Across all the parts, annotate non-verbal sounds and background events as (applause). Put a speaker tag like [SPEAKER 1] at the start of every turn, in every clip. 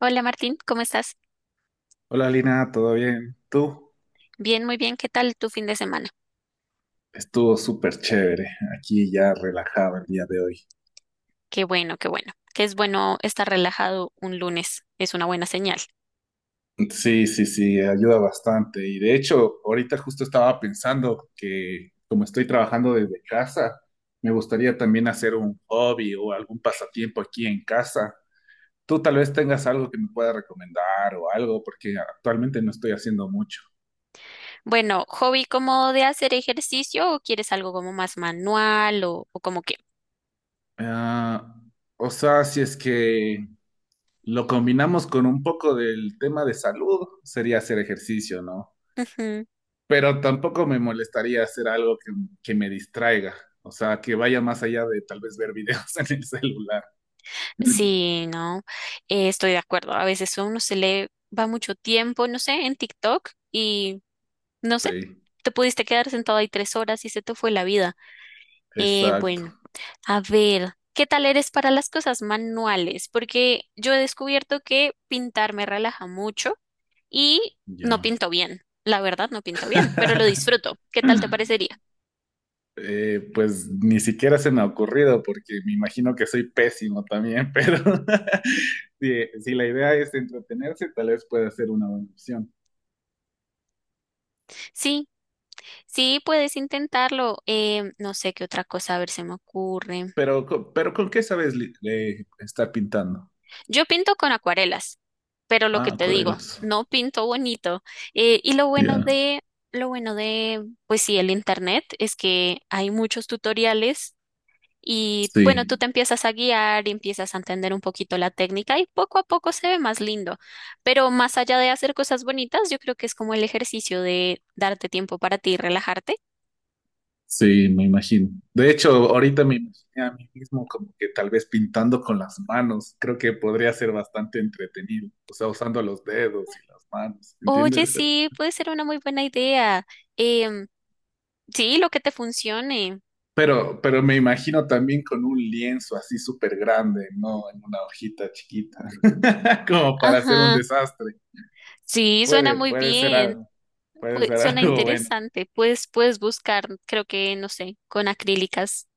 [SPEAKER 1] Hola Martín, ¿cómo estás?
[SPEAKER 2] Hola Lina, ¿todo bien? ¿Tú?
[SPEAKER 1] Bien, muy bien. ¿Qué tal tu fin de semana?
[SPEAKER 2] Estuvo súper chévere, aquí ya relajado el día de hoy.
[SPEAKER 1] Qué bueno, qué bueno. Que es bueno estar relajado un lunes. Es una buena señal.
[SPEAKER 2] Sí, sí, sí, ayuda bastante. Y de hecho, ahorita justo estaba pensando que como estoy trabajando desde casa, me gustaría también hacer un hobby o algún pasatiempo aquí en casa. Tú tal vez tengas algo que me pueda recomendar o algo, porque actualmente no estoy haciendo mucho.
[SPEAKER 1] Bueno, ¿hobby como de hacer ejercicio o quieres algo como más manual o como qué?
[SPEAKER 2] Ah, o sea, si es que lo combinamos con un poco del tema de salud, sería hacer ejercicio, ¿no?
[SPEAKER 1] Ujú.
[SPEAKER 2] Pero tampoco me molestaría hacer algo que me distraiga, o sea, que vaya más allá de tal vez ver videos (laughs) en el celular.
[SPEAKER 1] Sí, no, estoy de acuerdo. A veces a uno se le va mucho tiempo, no sé, en TikTok y no sé,
[SPEAKER 2] Sí,
[SPEAKER 1] te pudiste quedar sentado ahí 3 horas y se te fue la vida.
[SPEAKER 2] exacto,
[SPEAKER 1] Bueno. A ver, ¿qué tal eres para las cosas manuales? Porque yo he descubierto que pintar me relaja mucho y no
[SPEAKER 2] ya.
[SPEAKER 1] pinto bien. La verdad, no pinto bien, pero lo
[SPEAKER 2] (laughs)
[SPEAKER 1] disfruto. ¿Qué tal te parecería?
[SPEAKER 2] Pues ni siquiera se me ha ocurrido porque me imagino que soy pésimo también, (laughs) pero (laughs) si la idea es entretenerse, tal vez pueda ser una buena opción.
[SPEAKER 1] Sí, sí, puedes intentarlo. No sé qué otra cosa, a ver, se me ocurre.
[SPEAKER 2] Pero, pero ¿con qué sabes estar pintando?
[SPEAKER 1] Yo pinto con acuarelas, pero lo que
[SPEAKER 2] Ah,
[SPEAKER 1] te digo,
[SPEAKER 2] Corelas.
[SPEAKER 1] no pinto bonito. Y
[SPEAKER 2] Ya.
[SPEAKER 1] lo bueno de, pues sí, el internet es que hay muchos tutoriales. Y bueno, tú
[SPEAKER 2] Sí,
[SPEAKER 1] te empiezas a guiar y empiezas a entender un poquito la técnica y poco a poco se ve más lindo. Pero más allá de hacer cosas bonitas, yo creo que es como el ejercicio de darte tiempo para ti y relajarte.
[SPEAKER 2] sí, me imagino. De hecho, ahorita me imaginé a mí mismo como que tal vez pintando con las manos. Creo que podría ser bastante entretenido. O sea, usando los dedos y las manos,
[SPEAKER 1] Oye,
[SPEAKER 2] ¿entiendes?
[SPEAKER 1] sí, puede ser una muy buena idea. Em, sí, lo que te funcione.
[SPEAKER 2] Pero me imagino también con un lienzo así súper grande, no en una hojita chiquita, (laughs) como para hacer un
[SPEAKER 1] Ajá,
[SPEAKER 2] desastre.
[SPEAKER 1] sí, suena
[SPEAKER 2] Puede,
[SPEAKER 1] muy
[SPEAKER 2] puede ser
[SPEAKER 1] bien.
[SPEAKER 2] algo, puede
[SPEAKER 1] Pues,
[SPEAKER 2] ser
[SPEAKER 1] suena
[SPEAKER 2] algo (laughs) bueno.
[SPEAKER 1] interesante. Pues puedes buscar, creo que, no sé, con acrílicas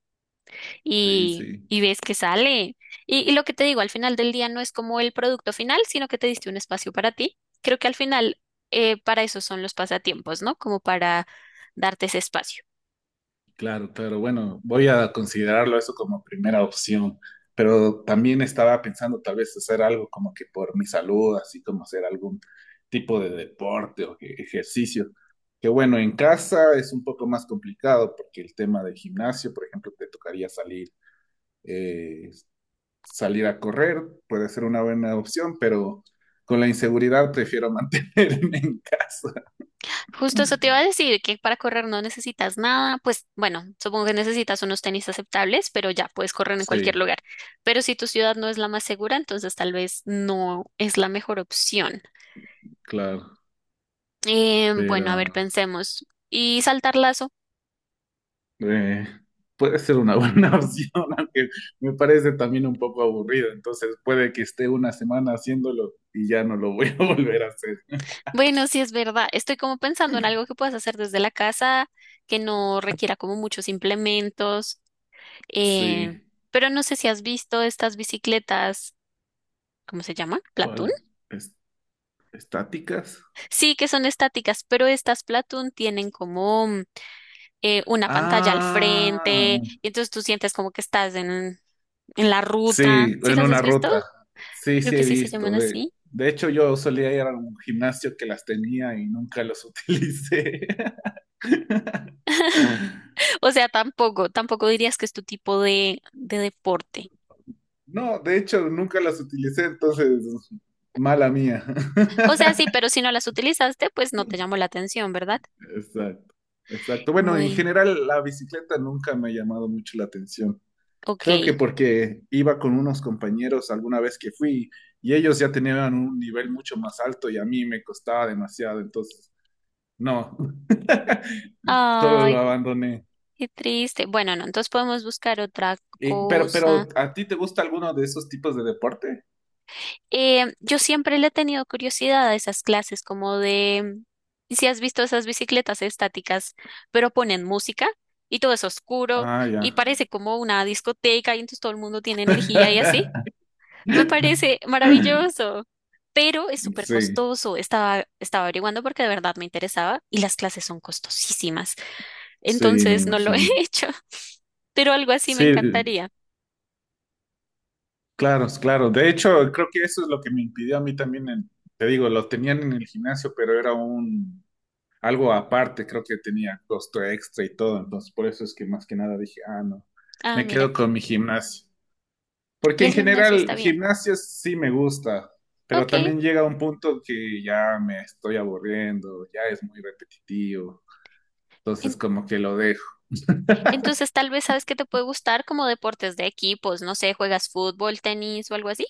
[SPEAKER 2] Sí, sí.
[SPEAKER 1] y ves que sale. Y lo que te digo, al final del día no es como el producto final, sino que te diste un espacio para ti. Creo que al final para eso son los pasatiempos, ¿no? Como para darte ese espacio.
[SPEAKER 2] Claro, claro. Bueno, voy a considerarlo eso como primera opción, pero también estaba pensando tal vez hacer algo como que por mi salud, así como hacer algún tipo de deporte o ejercicio. Que bueno, en casa es un poco más complicado porque el tema del gimnasio, por ejemplo, te tocaría salir, eh, salir a correr, puede ser una buena opción, pero con la inseguridad prefiero (laughs) mantenerme en casa.
[SPEAKER 1] Justo eso te iba a decir, que para correr no necesitas nada, pues bueno, supongo que necesitas unos tenis aceptables, pero ya puedes correr en cualquier
[SPEAKER 2] Sí,
[SPEAKER 1] lugar. Pero si tu ciudad no es la más segura, entonces tal vez no es la mejor opción.
[SPEAKER 2] claro,
[SPEAKER 1] Bueno, a ver,
[SPEAKER 2] pero...
[SPEAKER 1] pensemos. ¿Y saltar lazo?
[SPEAKER 2] Eh, puede ser una buena (laughs) opción, aunque me parece también un poco aburrido. Entonces puede que esté una semana haciéndolo y ya no lo voy a (laughs) volver a hacer.
[SPEAKER 1] Bueno, sí es verdad. Estoy como pensando en algo que puedas hacer desde la casa, que no requiera como muchos implementos. eh,
[SPEAKER 2] Sí.
[SPEAKER 1] pero no sé si has visto estas bicicletas, ¿cómo se llama? ¿Platón?
[SPEAKER 2] ¿Cuál? Es- ¿Estáticas?
[SPEAKER 1] Sí, que son estáticas, pero estas Platón tienen como una pantalla al
[SPEAKER 2] Ah,
[SPEAKER 1] frente y entonces tú sientes como que estás en la ruta.
[SPEAKER 2] sí,
[SPEAKER 1] ¿Sí
[SPEAKER 2] en
[SPEAKER 1] las
[SPEAKER 2] una
[SPEAKER 1] has visto?
[SPEAKER 2] ruta. Sí,
[SPEAKER 1] Creo
[SPEAKER 2] sí
[SPEAKER 1] que
[SPEAKER 2] he
[SPEAKER 1] sí se llaman
[SPEAKER 2] visto.
[SPEAKER 1] así.
[SPEAKER 2] De hecho, yo solía ir a un gimnasio que las tenía y nunca los (laughs) utilicé.
[SPEAKER 1] O sea, tampoco dirías que es tu tipo de deporte.
[SPEAKER 2] No, de hecho, nunca las utilicé, entonces, mala mía.
[SPEAKER 1] O
[SPEAKER 2] (laughs)
[SPEAKER 1] sea, sí, pero si no las utilizaste, pues no te llamó la atención, ¿verdad?
[SPEAKER 2] Exacto, exacto. Bueno, en
[SPEAKER 1] Muy,
[SPEAKER 2] general la bicicleta nunca me ha llamado mucho la atención.
[SPEAKER 1] ok.
[SPEAKER 2] Creo que porque iba con unos compañeros alguna vez que fui y ellos ya tenían un nivel mucho más alto y a mí me costaba demasiado, entonces no, (laughs) solo lo
[SPEAKER 1] Ay,
[SPEAKER 2] abandoné.
[SPEAKER 1] qué triste. Bueno, no, entonces podemos buscar otra
[SPEAKER 2] Pero,
[SPEAKER 1] cosa.
[SPEAKER 2] pero, ¿a ti te gusta alguno de esos tipos de deporte?
[SPEAKER 1] Yo siempre le he tenido curiosidad a esas clases, como de, si has visto esas bicicletas estáticas, pero ponen música y todo es oscuro
[SPEAKER 2] Ah, ya.
[SPEAKER 1] y parece como una discoteca y entonces todo el mundo tiene energía y así.
[SPEAKER 2] (laughs)
[SPEAKER 1] Me parece maravilloso, pero es súper
[SPEAKER 2] Sí,
[SPEAKER 1] costoso. Estaba averiguando porque de verdad me interesaba y las clases son costosísimas.
[SPEAKER 2] sí, me
[SPEAKER 1] Entonces no lo he (laughs)
[SPEAKER 2] imagino.
[SPEAKER 1] hecho, pero algo así me
[SPEAKER 2] Sí,
[SPEAKER 1] encantaría.
[SPEAKER 2] claro, claro. De hecho, creo que eso es lo que me impidió a mí también, te digo, lo tenían en el gimnasio, pero era un algo aparte, creo que tenía costo extra y todo, entonces por eso es que más que nada dije, ah, no,
[SPEAKER 1] Ah,
[SPEAKER 2] me
[SPEAKER 1] mira,
[SPEAKER 2] quedo con mi gimnasio. Porque
[SPEAKER 1] y
[SPEAKER 2] en
[SPEAKER 1] el gimnasio
[SPEAKER 2] general,
[SPEAKER 1] está bien.
[SPEAKER 2] gimnasio sí me gusta, pero
[SPEAKER 1] Ok.
[SPEAKER 2] también llega un punto que ya me estoy aburriendo, ya es muy repetitivo, entonces
[SPEAKER 1] en-
[SPEAKER 2] como que lo dejo.
[SPEAKER 1] Entonces tal vez sabes que te puede gustar como deportes de equipos, no sé, juegas fútbol, tenis o algo así,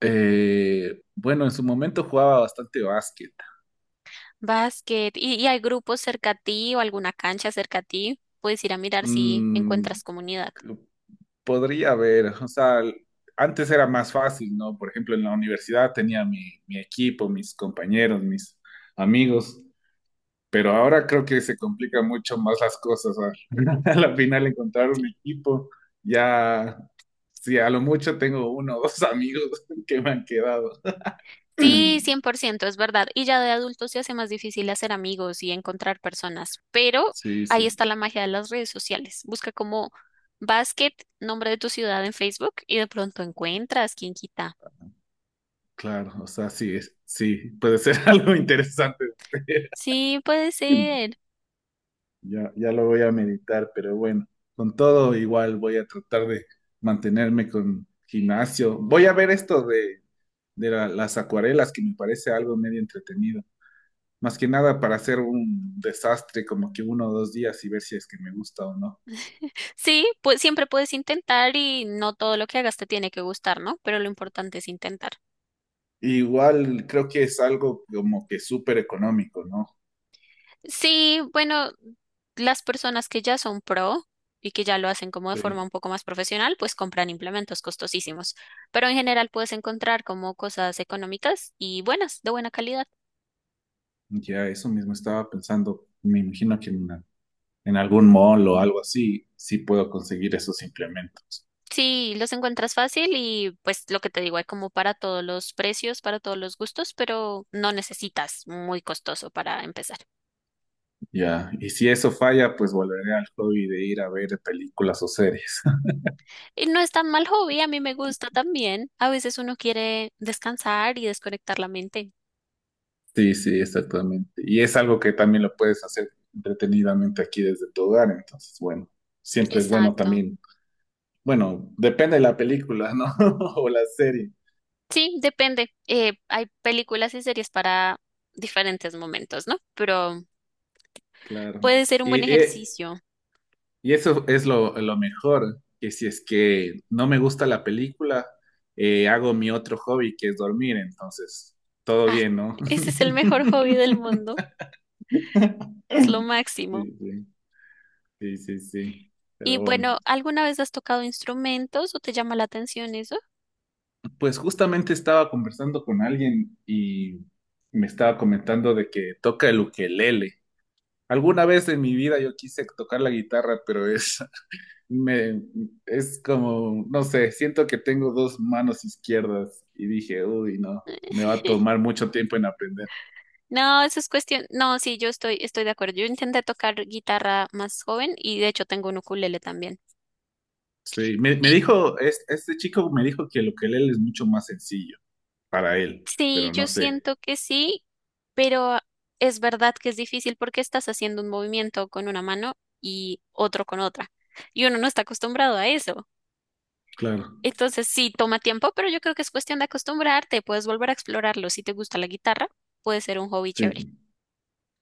[SPEAKER 2] Bueno, en su momento jugaba bastante básquet.
[SPEAKER 1] básquet, y hay grupos cerca a ti o alguna cancha cerca a ti, puedes ir a mirar si
[SPEAKER 2] Mm,
[SPEAKER 1] encuentras comunidad.
[SPEAKER 2] podría haber, o sea, antes era más fácil, ¿no? Por ejemplo, en la universidad tenía mi equipo, mis compañeros, mis amigos, pero ahora creo que se complican mucho más las cosas. A, (laughs) a la final encontrar un equipo, ya, sí, a lo mucho tengo uno o dos amigos (laughs) que me han quedado.
[SPEAKER 1] Sí, 100% es verdad. Y ya de adultos se hace más difícil hacer amigos y encontrar personas, pero
[SPEAKER 2] Sí,
[SPEAKER 1] ahí
[SPEAKER 2] sí,
[SPEAKER 1] está la magia de las redes sociales. Busca como basket, nombre de tu ciudad en Facebook y de pronto encuentras, quién quita.
[SPEAKER 2] claro, o sea, sí, sí, puede ser (laughs) algo interesante. (laughs)
[SPEAKER 1] Sí, puede ser.
[SPEAKER 2] Ya, ya lo voy a meditar, pero bueno, con todo igual voy a tratar de mantenerme con gimnasio. Voy a ver esto de las acuarelas, que me parece algo medio entretenido. Más que nada para hacer un desastre como que uno o dos días y ver si es que me gusta o no.
[SPEAKER 1] Sí, pues siempre puedes intentar y no todo lo que hagas te tiene que gustar, ¿no? Pero lo importante es intentar.
[SPEAKER 2] Igual creo que es algo como que súper económico, ¿no?
[SPEAKER 1] Sí, bueno, las personas que ya son pro y que ya lo hacen como de forma
[SPEAKER 2] Sí.
[SPEAKER 1] un poco más profesional, pues compran implementos costosísimos. Pero en general puedes encontrar como cosas económicas y buenas, de buena calidad.
[SPEAKER 2] Ya eso mismo estaba pensando. Me imagino que en algún mall o algo así, sí puedo conseguir esos implementos.
[SPEAKER 1] Sí, los encuentras fácil y pues lo que te digo, hay como para todos los precios, para todos los gustos, pero no necesitas muy costoso para empezar.
[SPEAKER 2] Ya, y si eso falla, pues volveré al hobby de ir a ver películas o series. (laughs)
[SPEAKER 1] Y no es tan mal hobby, a mí me gusta también. A veces uno quiere descansar y desconectar la mente.
[SPEAKER 2] Sí, sí, exactamente. Y es algo que también lo puedes hacer entretenidamente aquí desde tu hogar, entonces, bueno, siempre es bueno
[SPEAKER 1] Exacto.
[SPEAKER 2] también. Bueno, depende de la película, ¿no? (laughs) O la serie,
[SPEAKER 1] Sí, depende. Hay películas y series para diferentes momentos, ¿no? Pero
[SPEAKER 2] claro.
[SPEAKER 1] puede ser un
[SPEAKER 2] Y,
[SPEAKER 1] buen
[SPEAKER 2] eh,
[SPEAKER 1] ejercicio.
[SPEAKER 2] y eso es lo mejor, que si es que no me gusta la película, hago mi otro hobby, que es dormir, entonces, todo
[SPEAKER 1] Ay,
[SPEAKER 2] bien, ¿no?
[SPEAKER 1] ese es el mejor hobby del
[SPEAKER 2] (laughs)
[SPEAKER 1] mundo. Es lo máximo.
[SPEAKER 2] Sí, sí. Sí, sí, sí.
[SPEAKER 1] Y
[SPEAKER 2] Pero bueno,
[SPEAKER 1] bueno, ¿alguna vez has tocado instrumentos o te llama la atención eso?
[SPEAKER 2] pues justamente estaba conversando con alguien y me estaba comentando de que toca el ukelele. Alguna vez en mi vida yo quise tocar la guitarra, pero es, (laughs) me, es como, no sé, siento que tengo dos manos izquierdas y dije, uy, no, me va a
[SPEAKER 1] (laughs)
[SPEAKER 2] tomar mucho tiempo en aprender.
[SPEAKER 1] No, eso es cuestión. No, sí, estoy de acuerdo. Yo intenté tocar guitarra más joven y de hecho tengo un ukulele también.
[SPEAKER 2] Sí, me,
[SPEAKER 1] Y
[SPEAKER 2] me dijo, este chico me dijo que el ukelele es mucho más sencillo para él,
[SPEAKER 1] sí,
[SPEAKER 2] pero no
[SPEAKER 1] yo
[SPEAKER 2] sé.
[SPEAKER 1] siento que sí, pero es verdad que es difícil porque estás haciendo un movimiento con una mano y otro con otra. Y uno no está acostumbrado a eso.
[SPEAKER 2] Claro.
[SPEAKER 1] Entonces sí, toma tiempo, pero yo creo que es cuestión de acostumbrarte. Puedes volver a explorarlo. Si te gusta la guitarra, puede ser un hobby chévere.
[SPEAKER 2] Sí,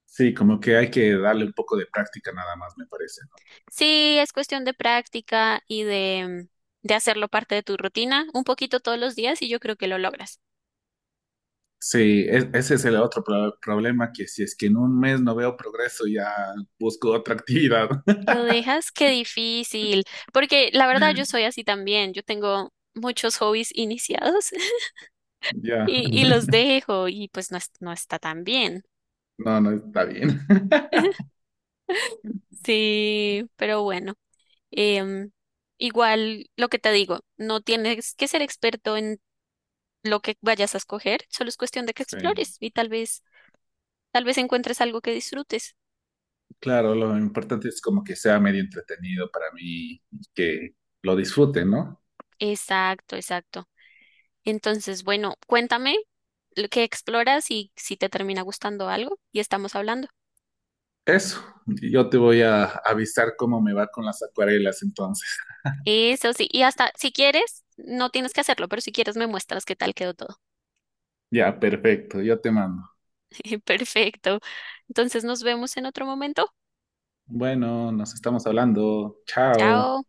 [SPEAKER 2] sí, como que hay que darle un poco de práctica nada más, me parece, ¿no?
[SPEAKER 1] Sí, es cuestión de práctica de hacerlo parte de tu rutina un poquito todos los días y yo creo que lo logras.
[SPEAKER 2] Sí, ese es el otro problema, que si es que en un mes no veo progreso, ya busco otra actividad. (laughs)
[SPEAKER 1] Lo dejas, qué difícil, porque la verdad yo soy así también, yo tengo muchos hobbies iniciados. (laughs)
[SPEAKER 2] Ya,
[SPEAKER 1] Y los dejo y pues no, no está tan bien.
[SPEAKER 2] no, no está bien. (laughs)
[SPEAKER 1] Sí, pero bueno, em, igual lo que te digo, no tienes que ser experto en lo que vayas a escoger, solo es cuestión de que
[SPEAKER 2] Sí,
[SPEAKER 1] explores y tal vez encuentres algo que disfrutes.
[SPEAKER 2] claro, lo importante es como que sea medio entretenido para mí, y que lo disfrute, ¿no?
[SPEAKER 1] Exacto, exacto. Entonces, bueno, cuéntame lo que exploras y si te termina gustando algo y estamos hablando.
[SPEAKER 2] Eso, yo te voy a avisar cómo me va con las acuarelas entonces.
[SPEAKER 1] Eso sí, y hasta si quieres, no tienes que hacerlo, pero si quieres me muestras qué tal quedó todo.
[SPEAKER 2] Ya, perfecto, yo te mando.
[SPEAKER 1] (laughs) Perfecto. Entonces nos vemos en otro momento.
[SPEAKER 2] Bueno, nos estamos hablando. Chao.
[SPEAKER 1] Chao.